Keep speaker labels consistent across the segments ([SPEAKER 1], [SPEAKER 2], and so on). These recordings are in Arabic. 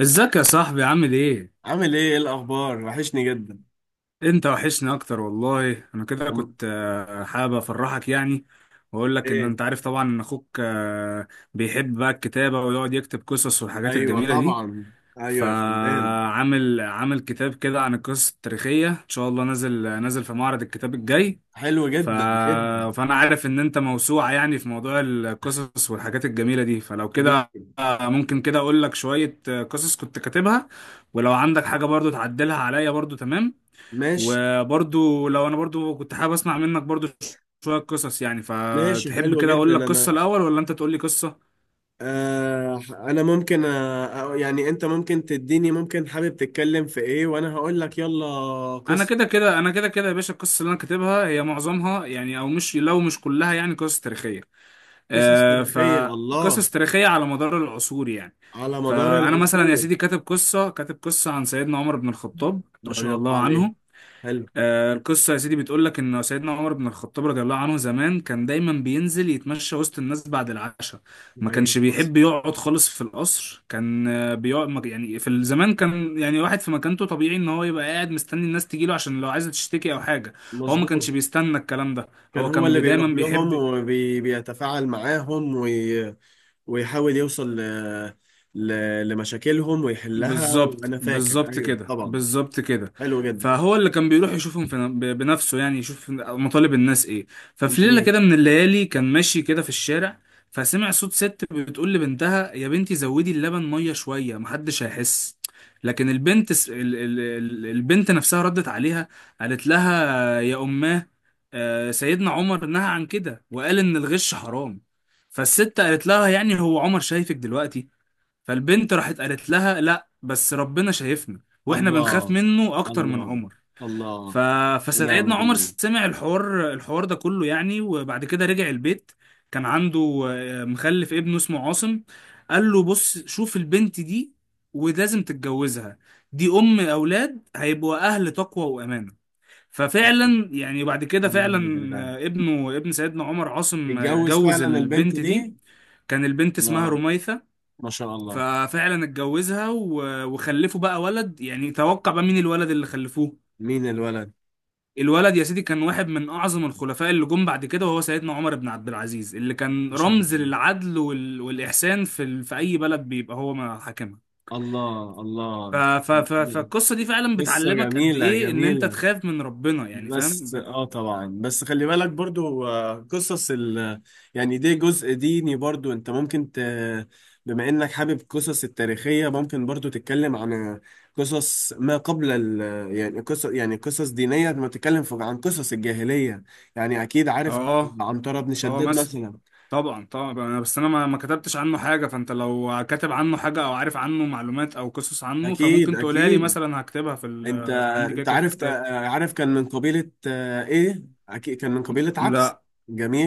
[SPEAKER 1] ازيك يا صاحبي، عامل ايه؟
[SPEAKER 2] عامل ايه؟ ايه الاخبار؟ وحشني جدا.
[SPEAKER 1] انت وحشني اكتر والله. انا كده
[SPEAKER 2] أم-
[SPEAKER 1] كنت حابب افرحك يعني، واقول لك ان
[SPEAKER 2] ايه.
[SPEAKER 1] انت عارف طبعا ان اخوك بيحب بقى الكتابة ويقعد يكتب قصص والحاجات
[SPEAKER 2] ايوه
[SPEAKER 1] الجميلة دي.
[SPEAKER 2] طبعا. ايوه يا فنان.
[SPEAKER 1] فعامل كتاب كده عن القصص التاريخية، ان شاء الله نازل في معرض الكتاب الجاي.
[SPEAKER 2] حلو
[SPEAKER 1] ف...
[SPEAKER 2] جدا جدا.
[SPEAKER 1] فانا عارف ان انت موسوعة يعني في موضوع القصص والحاجات الجميلة دي، فلو كده
[SPEAKER 2] بيك.
[SPEAKER 1] ممكن كده اقول لك شوية قصص كنت كاتبها، ولو عندك حاجة برضو تعدلها عليا برضو، تمام.
[SPEAKER 2] ماشي.
[SPEAKER 1] وبرضو لو انا برضو كنت حابب اسمع منك برضو شوية قصص يعني.
[SPEAKER 2] ماشي،
[SPEAKER 1] فتحب
[SPEAKER 2] حلو
[SPEAKER 1] كده
[SPEAKER 2] جدا.
[SPEAKER 1] اقول لك قصة
[SPEAKER 2] انا
[SPEAKER 1] الاول، ولا انت تقول لي قصة؟
[SPEAKER 2] انا ممكن، يعني انت ممكن تديني، ممكن حابب تتكلم في ايه وانا هقول لك. يلا
[SPEAKER 1] انا
[SPEAKER 2] قصص.
[SPEAKER 1] كده كده انا كده كده يا باشا، القصص اللي انا كاتبها هي معظمها يعني، او مش، لو مش كلها يعني، قصص تاريخية.
[SPEAKER 2] قصص تاريخية، الله،
[SPEAKER 1] فقصص تاريخية على مدار العصور يعني.
[SPEAKER 2] على مدار
[SPEAKER 1] فأنا مثلا يا
[SPEAKER 2] العصور.
[SPEAKER 1] سيدي كاتب قصة عن سيدنا عمر بن الخطاب
[SPEAKER 2] ما
[SPEAKER 1] رضي
[SPEAKER 2] شاء الله
[SPEAKER 1] الله
[SPEAKER 2] عليه.
[SPEAKER 1] عنه.
[SPEAKER 2] حلو.
[SPEAKER 1] القصة يا سيدي بتقول لك إن سيدنا عمر بن الخطاب رضي الله عنه زمان كان دايما بينزل يتمشى وسط الناس بعد العشاء. ما
[SPEAKER 2] ايوه
[SPEAKER 1] كانش
[SPEAKER 2] حصل.
[SPEAKER 1] بيحب يقعد خالص في القصر، كان بيقعد يعني في الزمان كان يعني واحد في مكانته طبيعي إن هو يبقى قاعد مستني الناس تجيله عشان لو عايزة تشتكي أو حاجة. هو ما كانش
[SPEAKER 2] مظبوط.
[SPEAKER 1] بيستنى الكلام ده،
[SPEAKER 2] كان
[SPEAKER 1] هو
[SPEAKER 2] هو
[SPEAKER 1] كان
[SPEAKER 2] اللي
[SPEAKER 1] دايما
[SPEAKER 2] بيروح لهم
[SPEAKER 1] بيحب.
[SPEAKER 2] وبيتفاعل معاهم، ويحاول يوصل ل... لمشاكلهم ويحلها.
[SPEAKER 1] بالظبط،
[SPEAKER 2] وانا فاكر،
[SPEAKER 1] بالظبط
[SPEAKER 2] ايوه
[SPEAKER 1] كده،
[SPEAKER 2] طبعا.
[SPEAKER 1] بالظبط كده.
[SPEAKER 2] حلو جدا.
[SPEAKER 1] فهو اللي كان بيروح يشوفهم في بنفسه يعني، يشوف مطالب الناس ايه. ففي ليلة
[SPEAKER 2] جميل.
[SPEAKER 1] كده من الليالي كان ماشي كده في الشارع، فسمع صوت ست بتقول لبنتها: يا بنتي زودي اللبن مية شوية، محدش هيحس. لكن البنت، البنت نفسها ردت عليها، قالت لها: يا أماه، سيدنا عمر نهى عن كده وقال إن الغش حرام. فالست قالت لها: يعني هو عمر شايفك دلوقتي؟ فالبنت راحت قالت لها: لا، بس ربنا شايفنا، واحنا بنخاف
[SPEAKER 2] الله،
[SPEAKER 1] منه اكتر من
[SPEAKER 2] الله،
[SPEAKER 1] عمر.
[SPEAKER 2] الله.
[SPEAKER 1] ف...
[SPEAKER 2] ونعم
[SPEAKER 1] فسيدنا عمر
[SPEAKER 2] بالله.
[SPEAKER 1] سمع الحوار ده كله يعني، وبعد كده رجع البيت. كان عنده مخلف ابنه اسمه عاصم. قال له: بص، شوف البنت دي ولازم تتجوزها، دي ام اولاد هيبقوا اهل تقوى وامانه. ففعلا يعني بعد كده فعلا،
[SPEAKER 2] ونعم بالله.
[SPEAKER 1] ابنه، ابن سيدنا عمر عاصم،
[SPEAKER 2] اتجوز
[SPEAKER 1] اتجوز
[SPEAKER 2] فعلا البنت
[SPEAKER 1] البنت دي.
[SPEAKER 2] دي؟
[SPEAKER 1] كان البنت اسمها
[SPEAKER 2] الله.
[SPEAKER 1] رميثة.
[SPEAKER 2] ما شاء الله.
[SPEAKER 1] ففعلا اتجوزها وخلفوا بقى ولد. يعني توقع بقى مين الولد اللي خلفوه؟
[SPEAKER 2] مين الولد؟
[SPEAKER 1] الولد يا سيدي كان واحد من اعظم الخلفاء اللي جم بعد كده، وهو سيدنا عمر بن عبد العزيز اللي
[SPEAKER 2] ما
[SPEAKER 1] كان
[SPEAKER 2] شاء
[SPEAKER 1] رمز للعدل والاحسان في اي بلد بيبقى هو ما حاكمها.
[SPEAKER 2] الله. الله الله.
[SPEAKER 1] فالقصه دي فعلا
[SPEAKER 2] قصة
[SPEAKER 1] بتعلمك قد
[SPEAKER 2] جميلة
[SPEAKER 1] ايه ان انت
[SPEAKER 2] جميلة.
[SPEAKER 1] تخاف من ربنا يعني، فاهم؟
[SPEAKER 2] بس اه طبعا، بس خلي بالك برضو، قصص ال، يعني دي جزء ديني برضو، انت ممكن ت، بما انك حابب قصص التاريخية، ممكن برضو تتكلم عن قصص ما قبل ال، يعني قصص، يعني قصص دينية، ما تتكلم في- عن قصص الجاهلية. يعني اكيد عارف
[SPEAKER 1] اه،
[SPEAKER 2] عنترة بن
[SPEAKER 1] اه،
[SPEAKER 2] شداد
[SPEAKER 1] مثلا.
[SPEAKER 2] مثلا.
[SPEAKER 1] طبعا، طبعا. بس انا ما كتبتش عنه حاجه، فانت لو كاتب عنه حاجه او عارف عنه معلومات او قصص عنه
[SPEAKER 2] اكيد
[SPEAKER 1] فممكن تقولها لي
[SPEAKER 2] اكيد.
[SPEAKER 1] مثلا، هكتبها
[SPEAKER 2] انت
[SPEAKER 1] عندي كده
[SPEAKER 2] انت
[SPEAKER 1] كده في
[SPEAKER 2] عارف،
[SPEAKER 1] الكتاب.
[SPEAKER 2] عارف كان من قبيلة، ايه، اكيد كان من قبيلة عبس.
[SPEAKER 1] لا،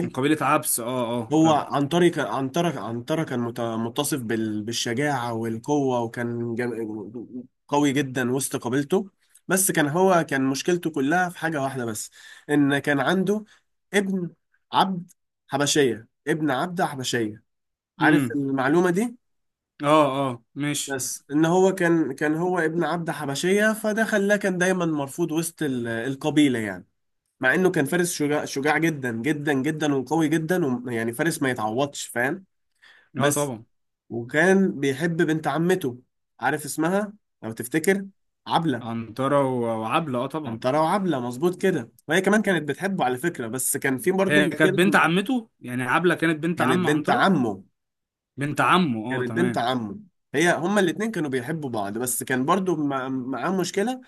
[SPEAKER 1] من قبيله عبس، اه، اه،
[SPEAKER 2] هو
[SPEAKER 1] فاهم.
[SPEAKER 2] عنتري، كان عنترة، عنترة كان متصف بالشجاعة والقوة، وكان قوي جدا وسط قبيلته. بس كان هو كان مشكلته كلها في حاجة واحدة بس، إن كان عنده ابن عبد حبشية، ابن عبدة حبشية. عارف
[SPEAKER 1] امم،
[SPEAKER 2] المعلومة دي؟
[SPEAKER 1] اه، اه، ماشي،
[SPEAKER 2] بس إن هو كان هو ابن عبدة حبشية، فده خلاه كان دايما مرفوض وسط القبيلة يعني. مع إنه كان فارس شجاع، شجاع جدا جدا جدا، وقوي جدا، ويعني فارس ما يتعوضش. فاهم؟
[SPEAKER 1] اه،
[SPEAKER 2] بس.
[SPEAKER 1] طبعا.
[SPEAKER 2] وكان بيحب بنت عمته، عارف اسمها لو تفتكر؟ عبلة.
[SPEAKER 1] عنتره وعبله، اه، طبعا.
[SPEAKER 2] أمطرة وعبلة، مظبوط كده. وهي كمان كانت بتحبه على فكرة، بس كان في برضه
[SPEAKER 1] هي كانت بنت
[SPEAKER 2] مشكلة.
[SPEAKER 1] عمته يعني، عبله كانت بنت
[SPEAKER 2] كانت
[SPEAKER 1] عم
[SPEAKER 2] بنت
[SPEAKER 1] عنتره.
[SPEAKER 2] عمه.
[SPEAKER 1] بنت عمه، اه،
[SPEAKER 2] كانت بنت
[SPEAKER 1] تمام.
[SPEAKER 2] عمه. هما الاتنين كانوا بيحبوا بعض، بس كان برضه معاه مشكلة.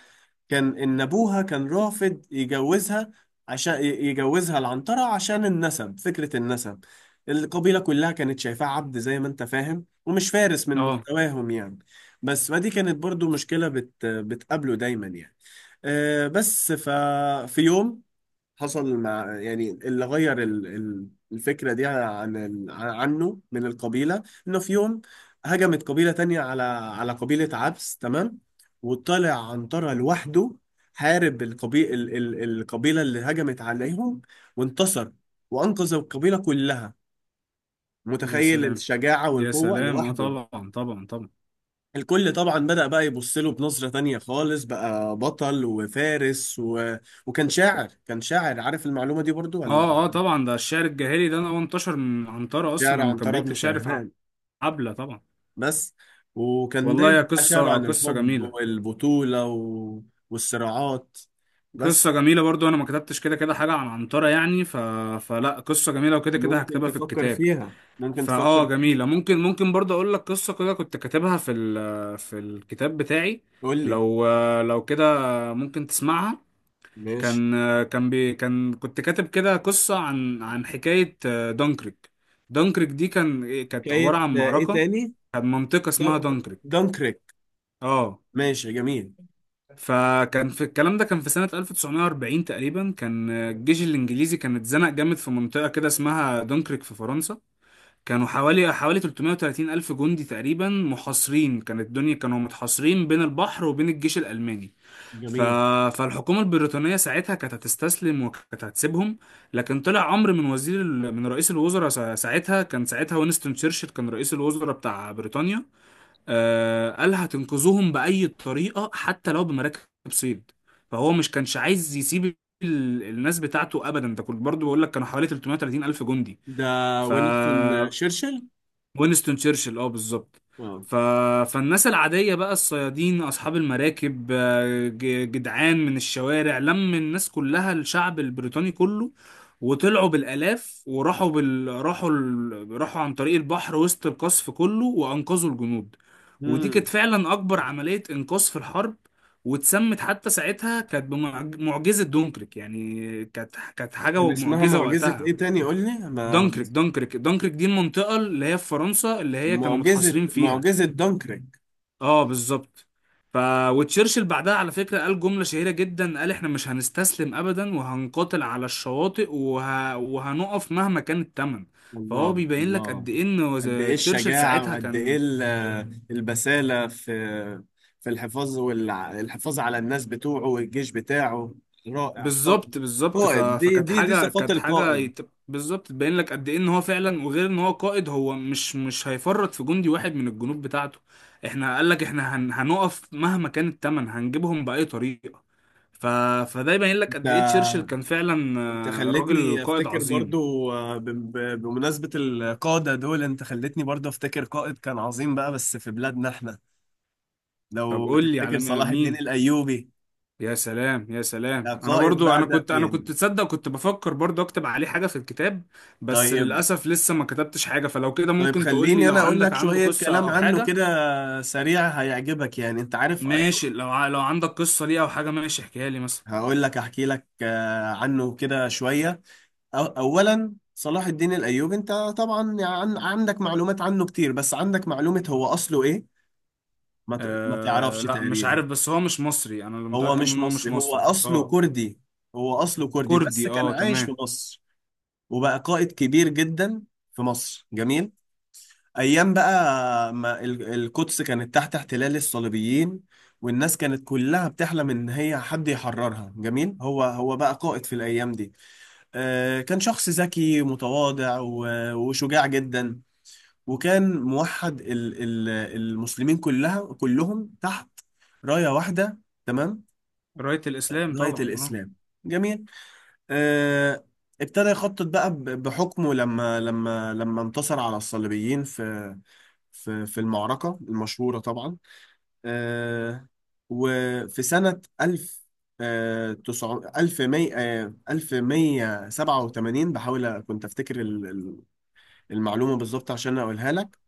[SPEAKER 2] كان ان ابوها كان رافض يجوزها، عشان يجوزها العنترة، عشان النسب، فكرة النسب. القبيلة كلها كانت شايفاه عبد زي ما انت فاهم، ومش فارس من
[SPEAKER 1] اه،
[SPEAKER 2] مستواهم يعني. بس فدي كانت برضو مشكلة، بت بتقابله دايما يعني. أه بس ففي يوم حصل، مع يعني اللي غير الفكرة دي عن عنه من القبيلة، إنه في يوم هجمت قبيلة تانية على على قبيلة عبس، تمام. وطلع عنترة لوحده، حارب القبيلة اللي هجمت عليهم، وانتصر، وأنقذ القبيلة كلها.
[SPEAKER 1] يا
[SPEAKER 2] متخيل
[SPEAKER 1] سلام،
[SPEAKER 2] الشجاعة
[SPEAKER 1] يا
[SPEAKER 2] والقوة
[SPEAKER 1] سلام، اه،
[SPEAKER 2] لوحده؟
[SPEAKER 1] طبعا، طبعا، طبعا.
[SPEAKER 2] الكل طبعا بدأ بقى يبص له بنظرة تانية خالص، بقى بطل وفارس و... وكان شاعر، كان شاعر. عارف المعلومة دي برضو ولا؟
[SPEAKER 1] اه، اه، طبعا. ده الشعر الجاهلي ده هو انتشر من عنترة اصلا
[SPEAKER 2] شعره
[SPEAKER 1] لما
[SPEAKER 2] عن
[SPEAKER 1] كان
[SPEAKER 2] طرب بن
[SPEAKER 1] بيكتب شعر في
[SPEAKER 2] شاهنان.
[SPEAKER 1] حبلة طبعا.
[SPEAKER 2] بس. وكان
[SPEAKER 1] والله،
[SPEAKER 2] دايما
[SPEAKER 1] يا
[SPEAKER 2] بقى شعره
[SPEAKER 1] قصة
[SPEAKER 2] عن
[SPEAKER 1] قصة
[SPEAKER 2] الحب
[SPEAKER 1] جميلة.
[SPEAKER 2] والبطولة و... والصراعات. بس.
[SPEAKER 1] قصة جميلة. برضو أنا ما كتبتش كده كده حاجة عن عنترة يعني. فلا، قصة جميلة وكده كده
[SPEAKER 2] ممكن
[SPEAKER 1] هكتبها في
[SPEAKER 2] تفكر
[SPEAKER 1] الكتاب.
[SPEAKER 2] فيها، ممكن
[SPEAKER 1] فآه،
[SPEAKER 2] تفكر فيها.
[SPEAKER 1] جميلة. ممكن برضو أقول لك قصة كده كنت كاتبها في الكتاب بتاعي.
[SPEAKER 2] قول لي.
[SPEAKER 1] لو لو كده ممكن تسمعها.
[SPEAKER 2] ماشي.
[SPEAKER 1] كان كان كان كنت كاتب كده قصة عن حكاية دانكريك. دانكريك دي كانت
[SPEAKER 2] حكاية،
[SPEAKER 1] عبارة عن
[SPEAKER 2] ايه
[SPEAKER 1] معركة،
[SPEAKER 2] تاني؟
[SPEAKER 1] كان منطقة اسمها دانكريك،
[SPEAKER 2] دانكريك.
[SPEAKER 1] اه.
[SPEAKER 2] ماشي جميل.
[SPEAKER 1] فكان في الكلام ده كان في سنة 1940 تقريبا، كان الجيش الإنجليزي كان اتزنق جامد في منطقة كده اسمها دونكرك في فرنسا. كانوا حوالي 330 ألف جندي تقريبا محاصرين، كانت الدنيا كانوا متحاصرين بين البحر وبين الجيش الألماني. ف...
[SPEAKER 2] جميل.
[SPEAKER 1] فالحكومة البريطانية ساعتها كانت هتستسلم وكانت هتسيبهم. لكن طلع أمر من من رئيس الوزراء ساعتها، كان ساعتها وينستون تشرشل كان رئيس الوزراء بتاع بريطانيا. قال: هتنقذوهم بأي طريقة حتى لو بمراكب صيد. فهو مش كانش عايز يسيب الناس بتاعته أبدا، ده كنت برضو بقول لك كانوا حوالي 330 ألف جندي.
[SPEAKER 2] ده
[SPEAKER 1] ف
[SPEAKER 2] وينستون شرشل.
[SPEAKER 1] وينستون تشرشل، اه، بالظبط.
[SPEAKER 2] اه.
[SPEAKER 1] ف... فالناس العادية بقى الصيادين أصحاب المراكب، جدعان من الشوارع، لم الناس كلها، الشعب البريطاني كله. وطلعوا بالآلاف وراحوا بال... راحوا ال... راحوا عن طريق البحر وسط القصف كله وأنقذوا الجنود. ودي كانت
[SPEAKER 2] مم.
[SPEAKER 1] فعلا أكبر عملية إنقاذ في الحرب، واتسمت حتى ساعتها كانت بمعجزة دونكرك يعني، كانت
[SPEAKER 2] كان
[SPEAKER 1] حاجة
[SPEAKER 2] اسمها
[SPEAKER 1] معجزة
[SPEAKER 2] معجزة
[SPEAKER 1] وقتها.
[SPEAKER 2] ايه تاني؟ قول لي ما.
[SPEAKER 1] دانكريك دي المنطقة اللي هي في فرنسا، اللي هي كانوا
[SPEAKER 2] معجزة،
[SPEAKER 1] متحاصرين فيها،
[SPEAKER 2] معجزة دانكريك.
[SPEAKER 1] اه، بالظبط. ف وتشرشل بعدها على فكرة قال جملة شهيرة جدا، قال: احنا مش هنستسلم ابدا، وهنقاتل على الشواطئ، وهنقف مهما كان الثمن. فهو
[SPEAKER 2] الله،
[SPEAKER 1] بيبين لك قد
[SPEAKER 2] الله.
[SPEAKER 1] ايه ان
[SPEAKER 2] قد ايه
[SPEAKER 1] تشرشل
[SPEAKER 2] الشجاعة،
[SPEAKER 1] ساعتها
[SPEAKER 2] وقد ايه
[SPEAKER 1] كان،
[SPEAKER 2] البسالة في في الحفاظ، والحفاظ على الناس بتوعه والجيش بتاعه. رائع، قائد.
[SPEAKER 1] بالظبط.
[SPEAKER 2] قائد، دي
[SPEAKER 1] فكانت
[SPEAKER 2] دي دي
[SPEAKER 1] حاجه
[SPEAKER 2] صفات
[SPEAKER 1] كانت حاجه
[SPEAKER 2] القائد.
[SPEAKER 1] يت- بالظبط تبين لك قد ايه ان هو فعلا، وغير ان هو قائد هو مش هيفرط في جندي واحد من الجنود بتاعته. احنا قال لك احنا هنقف مهما كان الثمن، هنجيبهم باي طريقه. ف... فده يبين لك قد ايه تشرشل
[SPEAKER 2] انت
[SPEAKER 1] كان فعلا
[SPEAKER 2] انت
[SPEAKER 1] راجل
[SPEAKER 2] خلتني
[SPEAKER 1] قائد
[SPEAKER 2] افتكر
[SPEAKER 1] عظيم.
[SPEAKER 2] برضو، بمناسبة القادة دول، انت خلتني برضو افتكر قائد كان عظيم بقى، بس في بلادنا احنا.
[SPEAKER 1] طب
[SPEAKER 2] لو
[SPEAKER 1] قول لي
[SPEAKER 2] تفتكر،
[SPEAKER 1] على
[SPEAKER 2] صلاح الدين
[SPEAKER 1] مين؟
[SPEAKER 2] الايوبي.
[SPEAKER 1] يا سلام، يا سلام،
[SPEAKER 2] ده
[SPEAKER 1] انا
[SPEAKER 2] قائد
[SPEAKER 1] برضو،
[SPEAKER 2] بقى
[SPEAKER 1] انا
[SPEAKER 2] ده
[SPEAKER 1] كنت انا
[SPEAKER 2] يعني.
[SPEAKER 1] كنت تصدق كنت بفكر برضو اكتب عليه حاجة في الكتاب. بس
[SPEAKER 2] طيب.
[SPEAKER 1] للاسف لسه ما كتبتش حاجة، فلو كده
[SPEAKER 2] طيب
[SPEAKER 1] ممكن تقول لي
[SPEAKER 2] خليني
[SPEAKER 1] لو
[SPEAKER 2] انا اقول
[SPEAKER 1] عندك
[SPEAKER 2] لك
[SPEAKER 1] عنده
[SPEAKER 2] شوية
[SPEAKER 1] قصة
[SPEAKER 2] كلام
[SPEAKER 1] او
[SPEAKER 2] عنه
[SPEAKER 1] حاجة.
[SPEAKER 2] كده، سريع، هيعجبك يعني. انت عارف؟
[SPEAKER 1] ماشي، لو عندك قصة ليه او حاجة، ماشي احكيها لي مثلا.
[SPEAKER 2] هقول لك، احكي لك عنه كده شوية. اولا، صلاح الدين الايوبي، انت طبعا عندك معلومات عنه كتير، بس عندك معلومة هو اصله ايه؟ ما ما
[SPEAKER 1] أه،
[SPEAKER 2] تعرفش
[SPEAKER 1] لا، مش
[SPEAKER 2] تقريبا.
[SPEAKER 1] عارف، بس هو مش مصري، انا اللي
[SPEAKER 2] هو
[SPEAKER 1] متأكد
[SPEAKER 2] مش
[SPEAKER 1] ان هو مش
[SPEAKER 2] مصري، هو
[SPEAKER 1] مصري،
[SPEAKER 2] اصله
[SPEAKER 1] اه.
[SPEAKER 2] كردي. هو اصله كردي
[SPEAKER 1] كردي،
[SPEAKER 2] بس كان
[SPEAKER 1] اه،
[SPEAKER 2] عايش في
[SPEAKER 1] تمام.
[SPEAKER 2] مصر. وبقى قائد كبير جدا في مصر. جميل. ايام بقى ما القدس كانت تحت احتلال الصليبيين، والناس كانت كلها بتحلم ان هي حد يحررها. جميل. هو هو بقى قائد في الايام دي. آه، كان شخص ذكي متواضع وشجاع جدا، وكان موحد المسلمين كلها كلهم تحت راية واحدة، تمام.
[SPEAKER 1] راية الاسلام
[SPEAKER 2] راية
[SPEAKER 1] طبعا، اه.
[SPEAKER 2] الاسلام. جميل. آه، ابتدى يخطط بقى بحكمه، لما انتصر على الصليبيين في في المعركة المشهورة طبعا، آه، وفي سنة 1000 1100 1187، بحاول أ- كنت أفتكر المعلومة بالظبط عشان أقولها لك،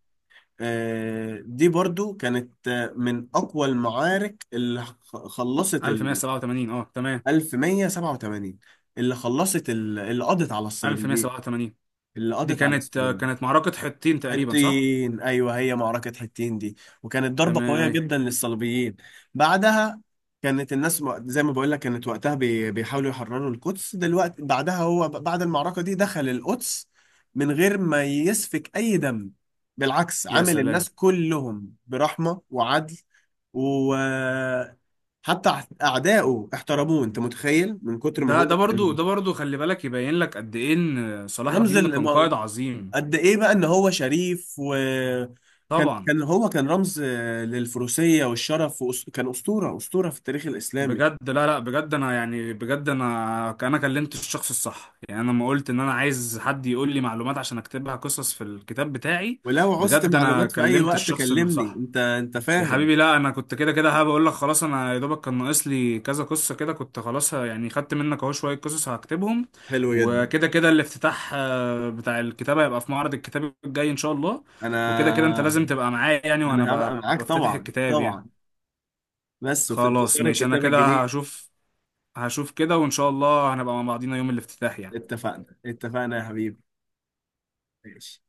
[SPEAKER 2] دي برضو كانت، من أقوى المعارك اللي خلصت ال.
[SPEAKER 1] 1187، اه، تمام.
[SPEAKER 2] 1187، اللي خلصت اللي قضت على الصليبيين،
[SPEAKER 1] 1187،
[SPEAKER 2] اللي
[SPEAKER 1] دي
[SPEAKER 2] قضت على
[SPEAKER 1] كانت آه،
[SPEAKER 2] الصليبيين.
[SPEAKER 1] كانت معركة حطين تقريبا، صح.
[SPEAKER 2] حطين، ايوه، هي معركه حطين دي، وكانت ضربه
[SPEAKER 1] تمام،
[SPEAKER 2] قويه
[SPEAKER 1] ايوه،
[SPEAKER 2] جدا للصليبيين. بعدها كانت الناس زي ما بقول لك، كانت وقتها بيحاولوا يحرروا القدس دلوقتي. بعدها هو بعد المعركه دي دخل القدس من غير ما يسفك اي دم، بالعكس
[SPEAKER 1] يا
[SPEAKER 2] عامل
[SPEAKER 1] سلام.
[SPEAKER 2] الناس كلهم برحمه وعدل، وحتى اعدائه احترموه. انت متخيل من كتر ما
[SPEAKER 1] ده
[SPEAKER 2] هو
[SPEAKER 1] ده برضو،
[SPEAKER 2] كان
[SPEAKER 1] ده برضو، خلي بالك يبين لك قد ايه ان صلاح
[SPEAKER 2] رمز،
[SPEAKER 1] الدين ده كان قائد عظيم.
[SPEAKER 2] قد ايه بقى ان هو شريف. وكان
[SPEAKER 1] طبعا.
[SPEAKER 2] كان رمز، للفروسية والشرف، كان أسطورة، أسطورة في التاريخ الإسلامي.
[SPEAKER 1] بجد، لا لا، بجد انا يعني بجد، انا كلمت الشخص الصح يعني، انا لما قلت ان انا عايز حد يقول لي معلومات عشان اكتبها قصص في الكتاب بتاعي.
[SPEAKER 2] ولو عوزت
[SPEAKER 1] بجد انا
[SPEAKER 2] معلومات في أي
[SPEAKER 1] كلمت
[SPEAKER 2] وقت
[SPEAKER 1] الشخص اللي
[SPEAKER 2] كلمني
[SPEAKER 1] صح.
[SPEAKER 2] أنت. أنت
[SPEAKER 1] يا
[SPEAKER 2] فاهم؟
[SPEAKER 1] حبيبي، لا، انا كنت كده كده هبقول لك خلاص، انا يا دوبك كان ناقص لي كذا قصه كده، كنت خلاص يعني خدت منك اهو شويه قصص هكتبهم.
[SPEAKER 2] حلو جدا.
[SPEAKER 1] وكده كده الافتتاح بتاع الكتابه هيبقى في معرض الكتاب الجاي ان شاء الله. وكده كده انت لازم
[SPEAKER 2] أنا،
[SPEAKER 1] تبقى معايا يعني وانا
[SPEAKER 2] أنا هبقى معاك
[SPEAKER 1] بفتتح
[SPEAKER 2] طبعا
[SPEAKER 1] الكتاب يعني.
[SPEAKER 2] طبعا، بس وفي
[SPEAKER 1] خلاص
[SPEAKER 2] انتظار
[SPEAKER 1] ماشي، انا
[SPEAKER 2] الكتاب
[SPEAKER 1] كده
[SPEAKER 2] الجديد.
[SPEAKER 1] هشوف كده، وان شاء الله هنبقى مع بعضينا يوم الافتتاح يعني.
[SPEAKER 2] اتفقنا اتفقنا يا حبيبي. ماشي.